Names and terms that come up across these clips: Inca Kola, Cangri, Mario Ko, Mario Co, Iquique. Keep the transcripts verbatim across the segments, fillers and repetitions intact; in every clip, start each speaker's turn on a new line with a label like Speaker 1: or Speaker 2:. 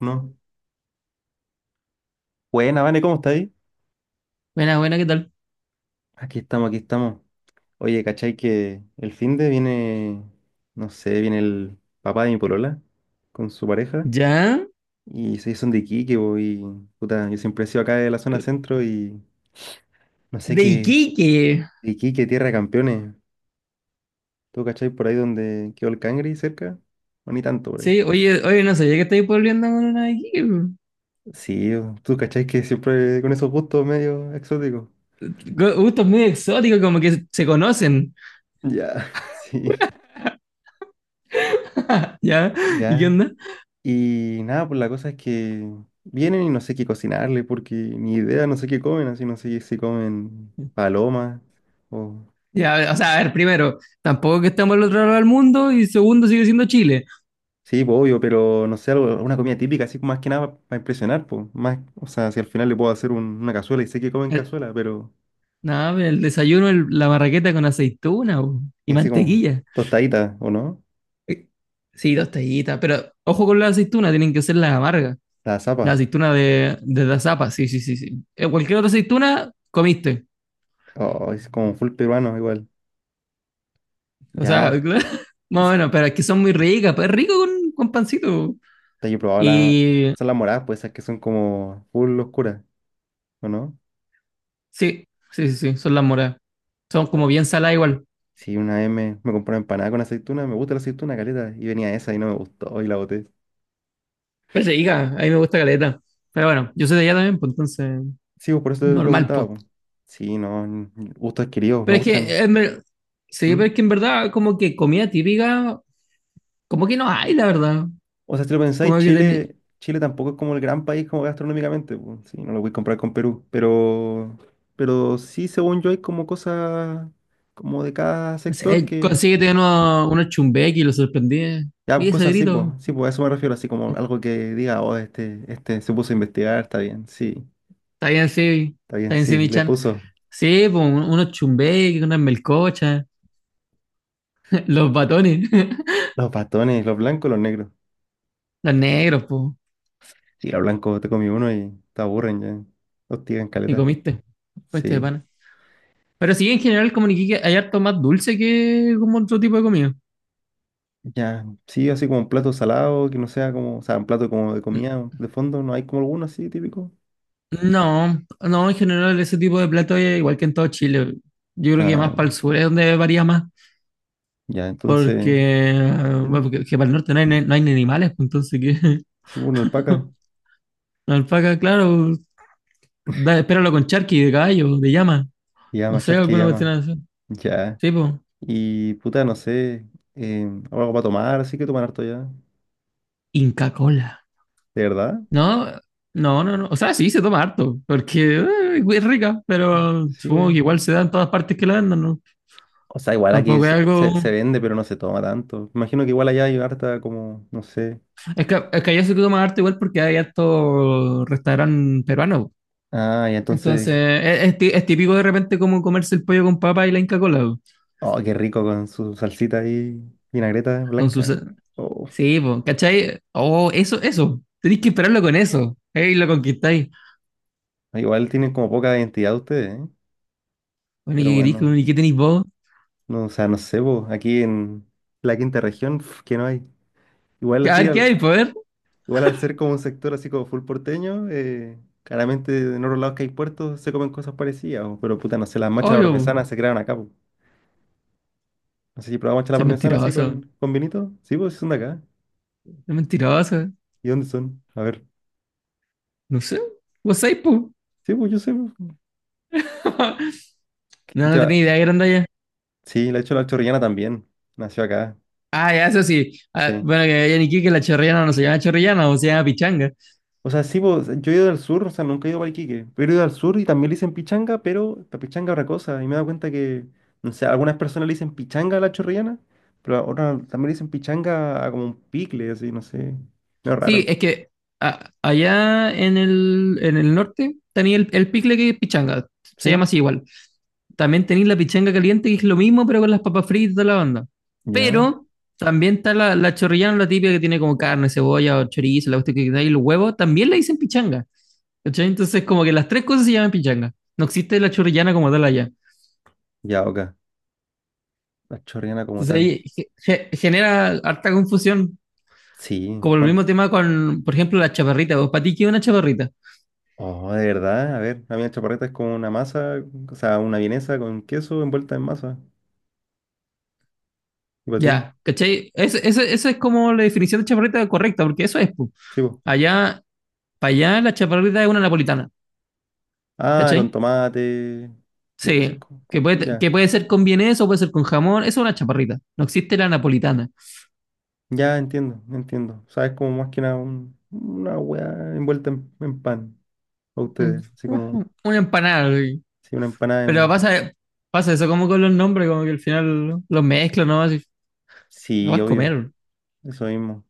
Speaker 1: No. Buena, Vane, ¿cómo está ahí?
Speaker 2: Buena, buena, ¿qué tal?
Speaker 1: Aquí estamos, aquí estamos. Oye, ¿cachai que el fin de viene, no sé, viene el papá de mi polola con su pareja
Speaker 2: ¿Ya?
Speaker 1: y se son de Iquique, po, y puta, yo siempre he sido acá de la zona centro y no sé
Speaker 2: De
Speaker 1: qué,
Speaker 2: Iquique.
Speaker 1: de Iquique, tierra de campeones. ¿Tú cachai por ahí donde quedó el Cangri cerca? O ni tanto por ahí.
Speaker 2: Sí, oye, oye, no sabía que estáis volviendo con una de Iquique. Gu-
Speaker 1: Sí, o- tú cachai que siempre con esos gustos medio exóticos.
Speaker 2: Gustos muy exóticos, como que se conocen.
Speaker 1: Ya, sí.
Speaker 2: ¿Ya? ¿Y qué
Speaker 1: Ya,
Speaker 2: onda?
Speaker 1: y nada, pues la cosa es que vienen y no sé qué cocinarle, porque ni idea, no sé qué comen, así no sé si comen palomas o...
Speaker 2: Ya, o sea, a ver, primero, tampoco que estamos al otro lado del mundo y segundo, sigue siendo Chile.
Speaker 1: Sí, pues obvio, pero no sé, algo, una comida típica, así más que nada para impresionar, pues. Más, o sea, si al final le puedo hacer un- una cazuela y sé que comen
Speaker 2: El-
Speaker 1: cazuela, pero...
Speaker 2: no, pero el desayuno, el- la marraqueta con aceituna po, y
Speaker 1: Y así como
Speaker 2: mantequilla.
Speaker 1: tostadita, ¿o no?
Speaker 2: Eh, Sí, dos tallitas, pero ojo con la aceituna, tienen que ser las amargas.
Speaker 1: La
Speaker 2: La
Speaker 1: zapa.
Speaker 2: aceituna de, de las zapas, sí, sí, sí, sí. Eh, Cualquier otra aceituna, comiste.
Speaker 1: Oh, es como full peruano igual.
Speaker 2: O sea,
Speaker 1: Ya,
Speaker 2: claro, más o
Speaker 1: es-
Speaker 2: menos, pero es que son muy ricas, pues es rico con, con pancito.
Speaker 1: yo he probado la...
Speaker 2: Y
Speaker 1: Son las moradas, pues esas que son como full oscuras, ¿o no?
Speaker 2: sí, sí, sí, sí, son las moras. Son como bien saladas igual.
Speaker 1: Sí, una vez me, me compré una empanada con aceituna, me gusta la aceituna, caleta, y venía esa y no me gustó y la boté.
Speaker 2: Pero es rica, a mí me gusta caleta. Pero bueno, yo soy de allá también, pues entonces,
Speaker 1: Sí, pues por eso te
Speaker 2: normal,
Speaker 1: preguntaba,
Speaker 2: pues.
Speaker 1: pues. Sí, no, n- gustos adquiridos, me
Speaker 2: Pero es que,
Speaker 1: gustan.
Speaker 2: en ver- Sí, pero
Speaker 1: ¿Mm?
Speaker 2: es que en verdad, como que comida típica, como que no hay, la verdad.
Speaker 1: O sea, si lo pensáis,
Speaker 2: Como que tenía,
Speaker 1: Chile, Chile tampoco es como el gran país como gastronómicamente, pues. Sí, no lo voy a comprar con Perú, pero, pero sí, según yo, hay como cosas como de cada
Speaker 2: no
Speaker 1: sector
Speaker 2: sé,
Speaker 1: que...
Speaker 2: consíguete uno- unos chumbequi y lo sorprendí.
Speaker 1: Ya, pues
Speaker 2: Mira ese
Speaker 1: cosas así, pues.
Speaker 2: grito.
Speaker 1: Sí, pues a eso me refiero, así como algo que diga, oh, este, este se puso a investigar, está bien, sí,
Speaker 2: Está bien, sí,
Speaker 1: está
Speaker 2: está
Speaker 1: bien,
Speaker 2: bien, sí,
Speaker 1: sí,
Speaker 2: mi
Speaker 1: le
Speaker 2: chan.
Speaker 1: puso.
Speaker 2: Sí, pues un- unos chumbequi, unas melcochas. Los batones,
Speaker 1: Los bastones, los blancos, los negros.
Speaker 2: los negros, po,
Speaker 1: Sí, los blancos te comí uno y te aburren ya. Hostigan
Speaker 2: y
Speaker 1: caleta.
Speaker 2: comiste, comiste de
Speaker 1: Sí.
Speaker 2: pana. Pero sí, en general, como en Iquique hay harto más dulce que como otro tipo de comida.
Speaker 1: Ya, sí, así como un plato salado, que no sea como, o sea, un plato como de
Speaker 2: N-
Speaker 1: comida de fondo, no hay como alguno así típico.
Speaker 2: No, no, en general ese tipo de plato es igual que en todo Chile. Yo creo que más
Speaker 1: Ah,
Speaker 2: para el sur es donde varía más,
Speaker 1: ya, entonces,
Speaker 2: porque, eh,
Speaker 1: ¿mm?
Speaker 2: bueno, porque que para el norte no hay, ni- no hay ni animales, pues, entonces que
Speaker 1: Sí, una alpaca,
Speaker 2: alpaca, claro, da, espéralo con charqui de caballo, de llama, no
Speaker 1: llama,
Speaker 2: sé,
Speaker 1: charque
Speaker 2: alguna cuestión
Speaker 1: llama,
Speaker 2: así.
Speaker 1: ya.
Speaker 2: Sí, pues,
Speaker 1: Y puta, no sé, eh, algo para tomar, así que tomar harto ya.
Speaker 2: Inca Kola.
Speaker 1: ¿De verdad?
Speaker 2: No, no, no, no. O sea, sí, se toma harto, porque eh, es rica, pero
Speaker 1: Sí,
Speaker 2: supongo que
Speaker 1: obvio.
Speaker 2: igual se da en todas partes que la vendan, ¿no?
Speaker 1: O sea, igual aquí
Speaker 2: Tampoco es
Speaker 1: se,
Speaker 2: algo...
Speaker 1: se- se vende, pero no se toma tanto. Imagino que igual allá hay harta como, no sé.
Speaker 2: Es que, es que allá se toma harto igual porque hay harto restaurante peruano.
Speaker 1: Ah, y entonces,
Speaker 2: Entonces, es, es ti- es típico de repente como comerse el pollo con papa y la Inca Kola po.
Speaker 1: oh, qué rico con su salsita y vinagreta
Speaker 2: Con su...
Speaker 1: blanca.
Speaker 2: sa-
Speaker 1: Oh,
Speaker 2: Sí, po, ¿cachai? Oh, eso, eso. Tenéis que esperarlo con eso. Ey, lo conquistáis.
Speaker 1: igual tienen como poca identidad ustedes, ¿eh?
Speaker 2: Bueno, ¿y
Speaker 1: Pero
Speaker 2: qué queréis?
Speaker 1: bueno,
Speaker 2: con- ¿Y qué tenéis vos?
Speaker 1: no, o sea, no sé, po, aquí en la quinta región, pf, que no hay. Igual
Speaker 2: A
Speaker 1: así,
Speaker 2: ver, ¿qué
Speaker 1: al,
Speaker 2: hay, poder?
Speaker 1: igual al ser como un sector así como full porteño, eh, claramente en otros lados que hay puertos se comen cosas parecidas, po, pero puta, no sé, las machas a la
Speaker 2: Obvio, po.
Speaker 1: parmesana se crearon acá, po. No sé si probamos machas a la
Speaker 2: Soy
Speaker 1: parmesana así
Speaker 2: mentiroso.
Speaker 1: con, con vinito. Sí, pues, son de acá.
Speaker 2: Soy mentiroso.
Speaker 1: ¿Y dónde son? A ver.
Speaker 2: No sé, vos sabés, po.
Speaker 1: Sí, pues yo sé, pues.
Speaker 2: No, no tenía
Speaker 1: Ya,
Speaker 2: idea que eran de allá.
Speaker 1: sí, de hecho la chorrillana también. Nació acá,
Speaker 2: Ah, ya, eso sí. Ah,
Speaker 1: sí.
Speaker 2: bueno, que allá en Iquique la chorrillana no se llama chorrillana, o se llama pichanga.
Speaker 1: O sea, sí, pues, yo he ido al sur, o sea, nunca he ido a Iquique, pero he ido al sur y también le dicen pichanga, pero la pichanga es otra cosa. Y me he dado cuenta que, no sé, algunas personas le dicen pichanga a la chorrillana, pero a otras también le dicen pichanga a como un picle, así, no sé. No, es
Speaker 2: Sí,
Speaker 1: raro.
Speaker 2: es que ah, allá en el, en el norte tenía el, el picle que es pichanga, se llama
Speaker 1: ¿Sí?
Speaker 2: así igual. También tenéis la pichanga caliente, que es lo mismo, pero con las papas fritas y toda la banda.
Speaker 1: Ya,
Speaker 2: Pero también está la, la chorrillana, la típica que tiene como carne, cebolla, o chorizo, la cuestión que da y los huevos, también la dicen pichanga. ¿Cachai? Entonces, como que las tres cosas se llaman pichanga. No existe la chorrillana como tal allá.
Speaker 1: ya, ok. La chorrillana como
Speaker 2: Entonces
Speaker 1: tal.
Speaker 2: ahí ge- ge- genera harta confusión,
Speaker 1: Sí,
Speaker 2: como el
Speaker 1: bueno.
Speaker 2: mismo tema con, por ejemplo, la chaparrita. ¿Vos para ti qué es una chaparrita?
Speaker 1: Oh, de verdad, a ver, a mí la chaparreta es como una masa, o sea, una vienesa con queso envuelta en masa. ¿Y para ti?
Speaker 2: Ya, ¿cachai? Esa es como la definición de chaparrita correcta, porque eso es, pu.
Speaker 1: Sí, pues.
Speaker 2: Allá, para allá la chaparrita es una napolitana,
Speaker 1: Ah, con
Speaker 2: ¿cachai?
Speaker 1: tomate. Ve, ese es
Speaker 2: Sí,
Speaker 1: como-
Speaker 2: que
Speaker 1: como-
Speaker 2: puede,
Speaker 1: ya,
Speaker 2: que puede ser con vienés o puede ser con jamón, eso es una chaparrita. No existe la napolitana.
Speaker 1: ya entiendo, entiendo. Sabes como más que nada un- una hueá envuelta en, en pan a
Speaker 2: Mm,
Speaker 1: ustedes. Así como,
Speaker 2: Una empanada, güey.
Speaker 1: sí, una empanada.
Speaker 2: Pero
Speaker 1: de-
Speaker 2: pasa, pasa eso como con los nombres, como que al final los mezclan, ¿no? Así, la
Speaker 1: Sí,
Speaker 2: vas a
Speaker 1: obvio,
Speaker 2: comer.
Speaker 1: eso mismo.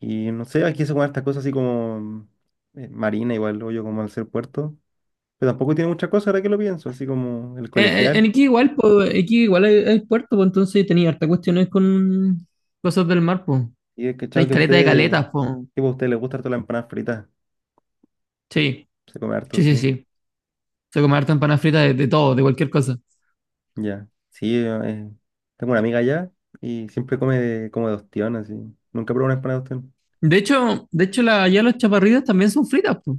Speaker 1: Y no sé, aquí se comen estas cosas así como eh, marina, igual, obvio, como al ser puerto. Pero tampoco tiene muchas cosas ahora que lo pienso, así como el
Speaker 2: Eh, eh, En
Speaker 1: colegial.
Speaker 2: Iquique igual, pues, Iquique igual hay, hay puerto, pues, entonces tenía harta cuestiones con cosas del mar, pues.
Speaker 1: Y he cachado
Speaker 2: Tenéis
Speaker 1: que a
Speaker 2: caleta de
Speaker 1: ustedes,
Speaker 2: caletas, pues.
Speaker 1: tipo, a ustedes les gusta harto la empanada frita.
Speaker 2: Sí,
Speaker 1: Se come harto,
Speaker 2: sí, sí,
Speaker 1: sí.
Speaker 2: sí. Se come harta empanada frita de, de todo, de cualquier cosa.
Speaker 1: Ya. Sí, eh, tengo una amiga allá y siempre come de, como de ostión, así. Nunca probó una empanada de ostión.
Speaker 2: De hecho, de hecho la, allá los chaparritos también son fritas, pues.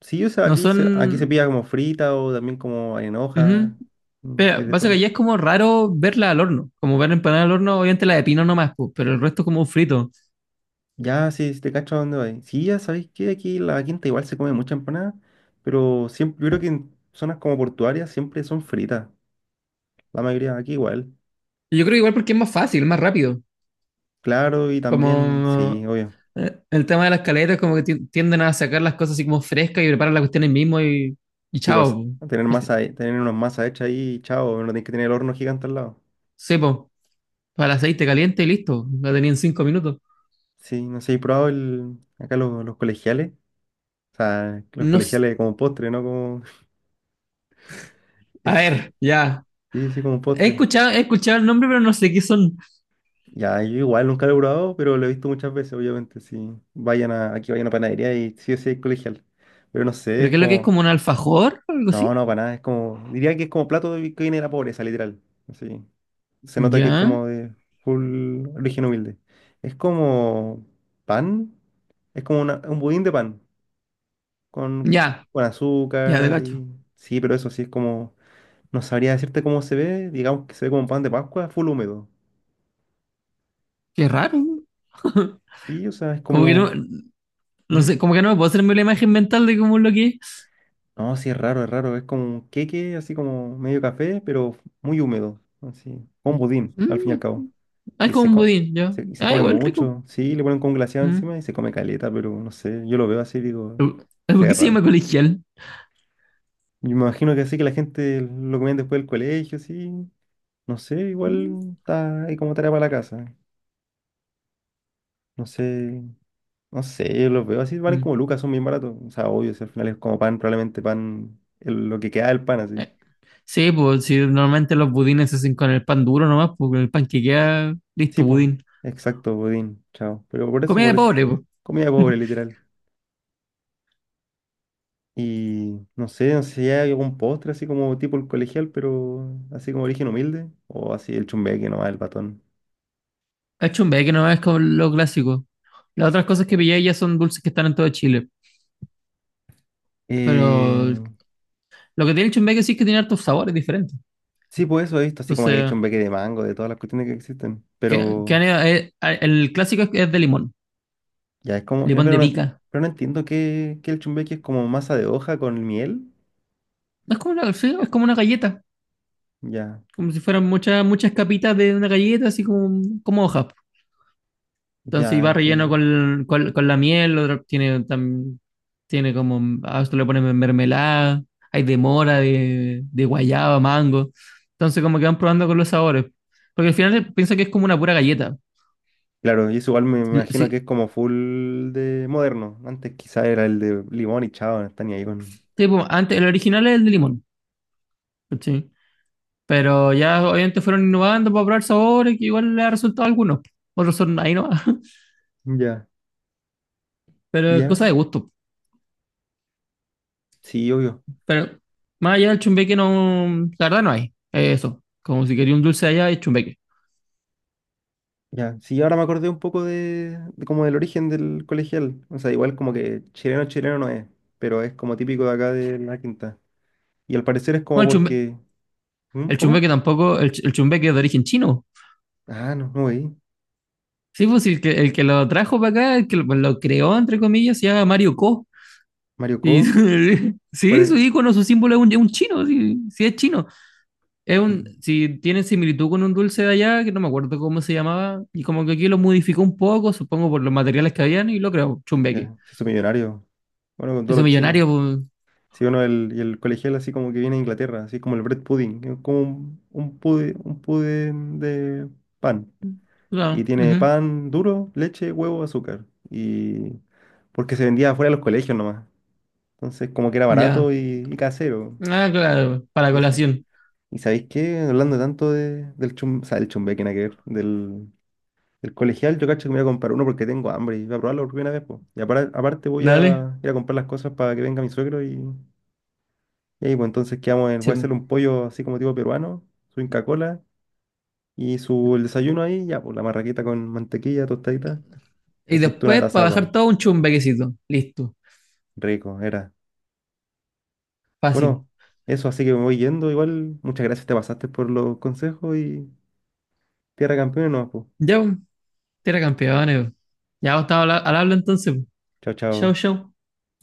Speaker 1: Sí, o sea,
Speaker 2: No
Speaker 1: aquí se, aquí se
Speaker 2: son...
Speaker 1: pilla como frita o también como en hoja.
Speaker 2: ujú.
Speaker 1: Mm, hay
Speaker 2: Pero
Speaker 1: de
Speaker 2: pasa que
Speaker 1: todo.
Speaker 2: allá es como raro verla al horno. Como ver empanada al horno, obviamente la de pino nomás, pues, pero el resto como frito.
Speaker 1: Ya, sí, sí te cacho a dónde voy. Sí, ya sabéis que aquí en la quinta igual se come mucha empanada, pero siempre, yo creo que en zonas como portuarias siempre son fritas. La mayoría aquí igual.
Speaker 2: Y Yo creo que igual porque es más fácil, más rápido.
Speaker 1: Claro, y también, sí,
Speaker 2: Como
Speaker 1: obvio.
Speaker 2: Eh, el tema de las caletas como que ti- tienden a sacar las cosas así como frescas y preparan la cuestión ahí mismo y, y
Speaker 1: Sí,
Speaker 2: chao,
Speaker 1: pues
Speaker 2: po.
Speaker 1: tener masa, he- tener unas masa hecha ahí, chao, no tienes que tener el horno gigante al lado.
Speaker 2: Sí, para el aceite caliente y listo, la tenía en cinco minutos.
Speaker 1: Sí, no sé, he probado el, acá los, los colegiales. O sea, los
Speaker 2: No s-
Speaker 1: colegiales como postre, ¿no? Como,
Speaker 2: A ver, ya,
Speaker 1: sí, sí, como
Speaker 2: he
Speaker 1: postre.
Speaker 2: escuchado, he escuchado el nombre, pero no sé qué son,
Speaker 1: Ya, yo igual nunca lo he probado, pero lo he visto muchas veces, obviamente. Si vayan a, aquí vayan a panadería y sí o sí hay colegial. Pero no sé,
Speaker 2: pero
Speaker 1: es
Speaker 2: qué es lo que es
Speaker 1: como,
Speaker 2: como un alfajor o algo
Speaker 1: no,
Speaker 2: así.
Speaker 1: no, para nada, es como, diría que es como plato de- que viene de la pobreza, literal. Así, se nota que es
Speaker 2: Ya,
Speaker 1: como de full origen humilde. Es como pan, es como una- un budín de pan, con,
Speaker 2: ya,
Speaker 1: con
Speaker 2: ya, de
Speaker 1: azúcar
Speaker 2: cacho.
Speaker 1: y, sí, pero eso sí es como no sabría decirte cómo se ve, digamos que se ve como un pan de Pascua, full húmedo.
Speaker 2: Qué raro, ¿no?
Speaker 1: Y, o sea, es
Speaker 2: Como que no,
Speaker 1: como...
Speaker 2: no
Speaker 1: ¿Mm?
Speaker 2: sé, como que no me puedo hacerme la imagen mental de cómo es lo que es.
Speaker 1: No, sí, es raro, es raro. Es como un queque, así como medio café, pero muy húmedo. Así, como un budín, al fin y al
Speaker 2: Mm,
Speaker 1: cabo.
Speaker 2: ah, es
Speaker 1: Y
Speaker 2: como
Speaker 1: se,
Speaker 2: un
Speaker 1: co-
Speaker 2: budín, ya,
Speaker 1: se- y se
Speaker 2: ah,
Speaker 1: come
Speaker 2: igual rico.
Speaker 1: mucho. Sí, le ponen con glaseado encima
Speaker 2: Mm.
Speaker 1: y se come caleta, pero no sé, yo lo veo así y digo, se
Speaker 2: ¿Por
Speaker 1: ve
Speaker 2: qué se
Speaker 1: raro.
Speaker 2: llama colegial?
Speaker 1: Y me imagino que así que la gente lo comían después del colegio, sí. No sé,
Speaker 2: Mm.
Speaker 1: igual está ahí como tarea para la casa. No sé. No sé, yo los veo así, valen
Speaker 2: Mm.
Speaker 1: como lucas, son bien baratos. O sea, obvio, si al final es como pan, probablemente pan, el- lo que queda del pan, así.
Speaker 2: Sí, pues si normalmente los budines se hacen con el pan duro nomás, pues con el pan que queda,
Speaker 1: Sí,
Speaker 2: listo,
Speaker 1: pues,
Speaker 2: budín.
Speaker 1: exacto, budín, chao. Pero por eso,
Speaker 2: Comida
Speaker 1: por
Speaker 2: de
Speaker 1: eso.
Speaker 2: pobre, pues.
Speaker 1: Comida pobre, literal. Y no sé, no sé si hay algún postre así como tipo el colegial, pero así como origen humilde. O así el chumbeque nomás, el patón.
Speaker 2: Achumbe, que no es como lo clásico. Las otras cosas que pillé ya son dulces que están en todo Chile. Pero
Speaker 1: Eh,
Speaker 2: lo que tiene el chumbeque sí es que tiene hartos sabores diferentes.
Speaker 1: sí, pues eso he visto, así como que hay
Speaker 2: Entonces,
Speaker 1: chumbeque de mango, de todas las cuestiones que existen.
Speaker 2: que, que han-
Speaker 1: Pero
Speaker 2: ido- eh, eh, el clásico es, es de limón,
Speaker 1: ya es como, eh,
Speaker 2: limón
Speaker 1: pero
Speaker 2: de
Speaker 1: no,
Speaker 2: pica.
Speaker 1: pero no entiendo que, que el chumbeque es como masa de hoja con miel.
Speaker 2: No Es como una, sí, es como una galleta,
Speaker 1: Ya.
Speaker 2: como si fueran muchas, muchas capitas de una galleta, así como, como hojas. Entonces, y
Speaker 1: Ya
Speaker 2: va relleno
Speaker 1: entiendo.
Speaker 2: con, con, con la miel, otro tiene Tiene como, a esto le ponen mermelada, hay de mora, de, de guayaba, mango. Entonces como que van probando con los sabores. Porque al final piensa que es como una pura galleta.
Speaker 1: Claro, y eso igual me imagino que
Speaker 2: Sí,
Speaker 1: es como full de moderno. Antes quizá era el de limón y chao, no está ni ahí con.
Speaker 2: tipo, antes, el original es el de limón, ¿cachai? Pero ya obviamente fueron innovando para probar sabores que igual le ha resultado a algunos. Otros son ahí no,
Speaker 1: Ya,
Speaker 2: pero es cosa
Speaker 1: ya,
Speaker 2: de gusto.
Speaker 1: sí, obvio.
Speaker 2: Pero más allá del chumbeque no, la verdad no hay. Es eso, como si quería un dulce allá es chumbeque.
Speaker 1: Ya, sí, ahora me acordé un poco de, de como del origen del colegial. O sea, igual como que chileno chileno no es, pero es como típico de acá de la quinta. Y al parecer es como
Speaker 2: Bueno, el chumbeque,
Speaker 1: porque. ¿Mm?
Speaker 2: el
Speaker 1: ¿Cómo?
Speaker 2: chumbeque tampoco, el, ch- el chumbeque es de origen chino.
Speaker 1: Ah, no, no veí.
Speaker 2: Sí, pues el que, el que lo trajo para acá, el que lo, lo creó, entre comillas, se llama Mario Ko.
Speaker 1: Mario
Speaker 2: Y
Speaker 1: Co. ¿Cuál
Speaker 2: sí, su
Speaker 1: es?
Speaker 2: icono, su símbolo es un, es un chino, sí, sí es chino. Es un,
Speaker 1: Mm,
Speaker 2: si tiene similitud con un dulce de allá, que no me acuerdo cómo se llamaba, y como que aquí lo modificó un poco, supongo por los materiales que habían, y lo creó, chumbeque.
Speaker 1: ya, se hizo millonario. Bueno, con todos
Speaker 2: Ese
Speaker 1: los chinos.
Speaker 2: millonario, pues,
Speaker 1: Si uno el, y el colegial así como que viene de Inglaterra, así como el bread pudding, que es como un, un pude- un pudín de pan. Y
Speaker 2: no,
Speaker 1: tiene
Speaker 2: ujú,
Speaker 1: pan duro, leche, huevo, azúcar. Y porque se vendía afuera de los colegios nomás. Entonces como que era barato
Speaker 2: ya.
Speaker 1: y, y casero.
Speaker 2: Ah, claro, para
Speaker 1: Y eso.
Speaker 2: colación.
Speaker 1: ¿Y sabéis qué? Hablando tanto de, del chum, o sea, del chumbeque, nada que ver, del, del colegial, yo cacho que me voy a comprar uno porque tengo hambre y voy a probarlo por primera vez, po. Y apara- aparte voy
Speaker 2: Dale.
Speaker 1: a ir a comprar las cosas para que venga mi suegro y Y ahí, pues entonces quedamos en, voy
Speaker 2: Sí,
Speaker 1: a
Speaker 2: pues.
Speaker 1: hacerle un pollo así como tipo peruano, su Inca Kola y su el desayuno ahí, ya, pues la marraquita con mantequilla, tostadita y
Speaker 2: Y
Speaker 1: aceituna
Speaker 2: después
Speaker 1: de
Speaker 2: para bajar
Speaker 1: zapa.
Speaker 2: todo un chumbequecito. Listo.
Speaker 1: Rico, era.
Speaker 2: Fácil.
Speaker 1: Bueno, eso así que me voy yendo. Igual, muchas gracias, te pasaste por los consejos y tierra campeona, no, pues.
Speaker 2: Ya, pues. Tierra campeones. Ya vos estás al habla entonces.
Speaker 1: Chao,
Speaker 2: Show,
Speaker 1: chao.
Speaker 2: show.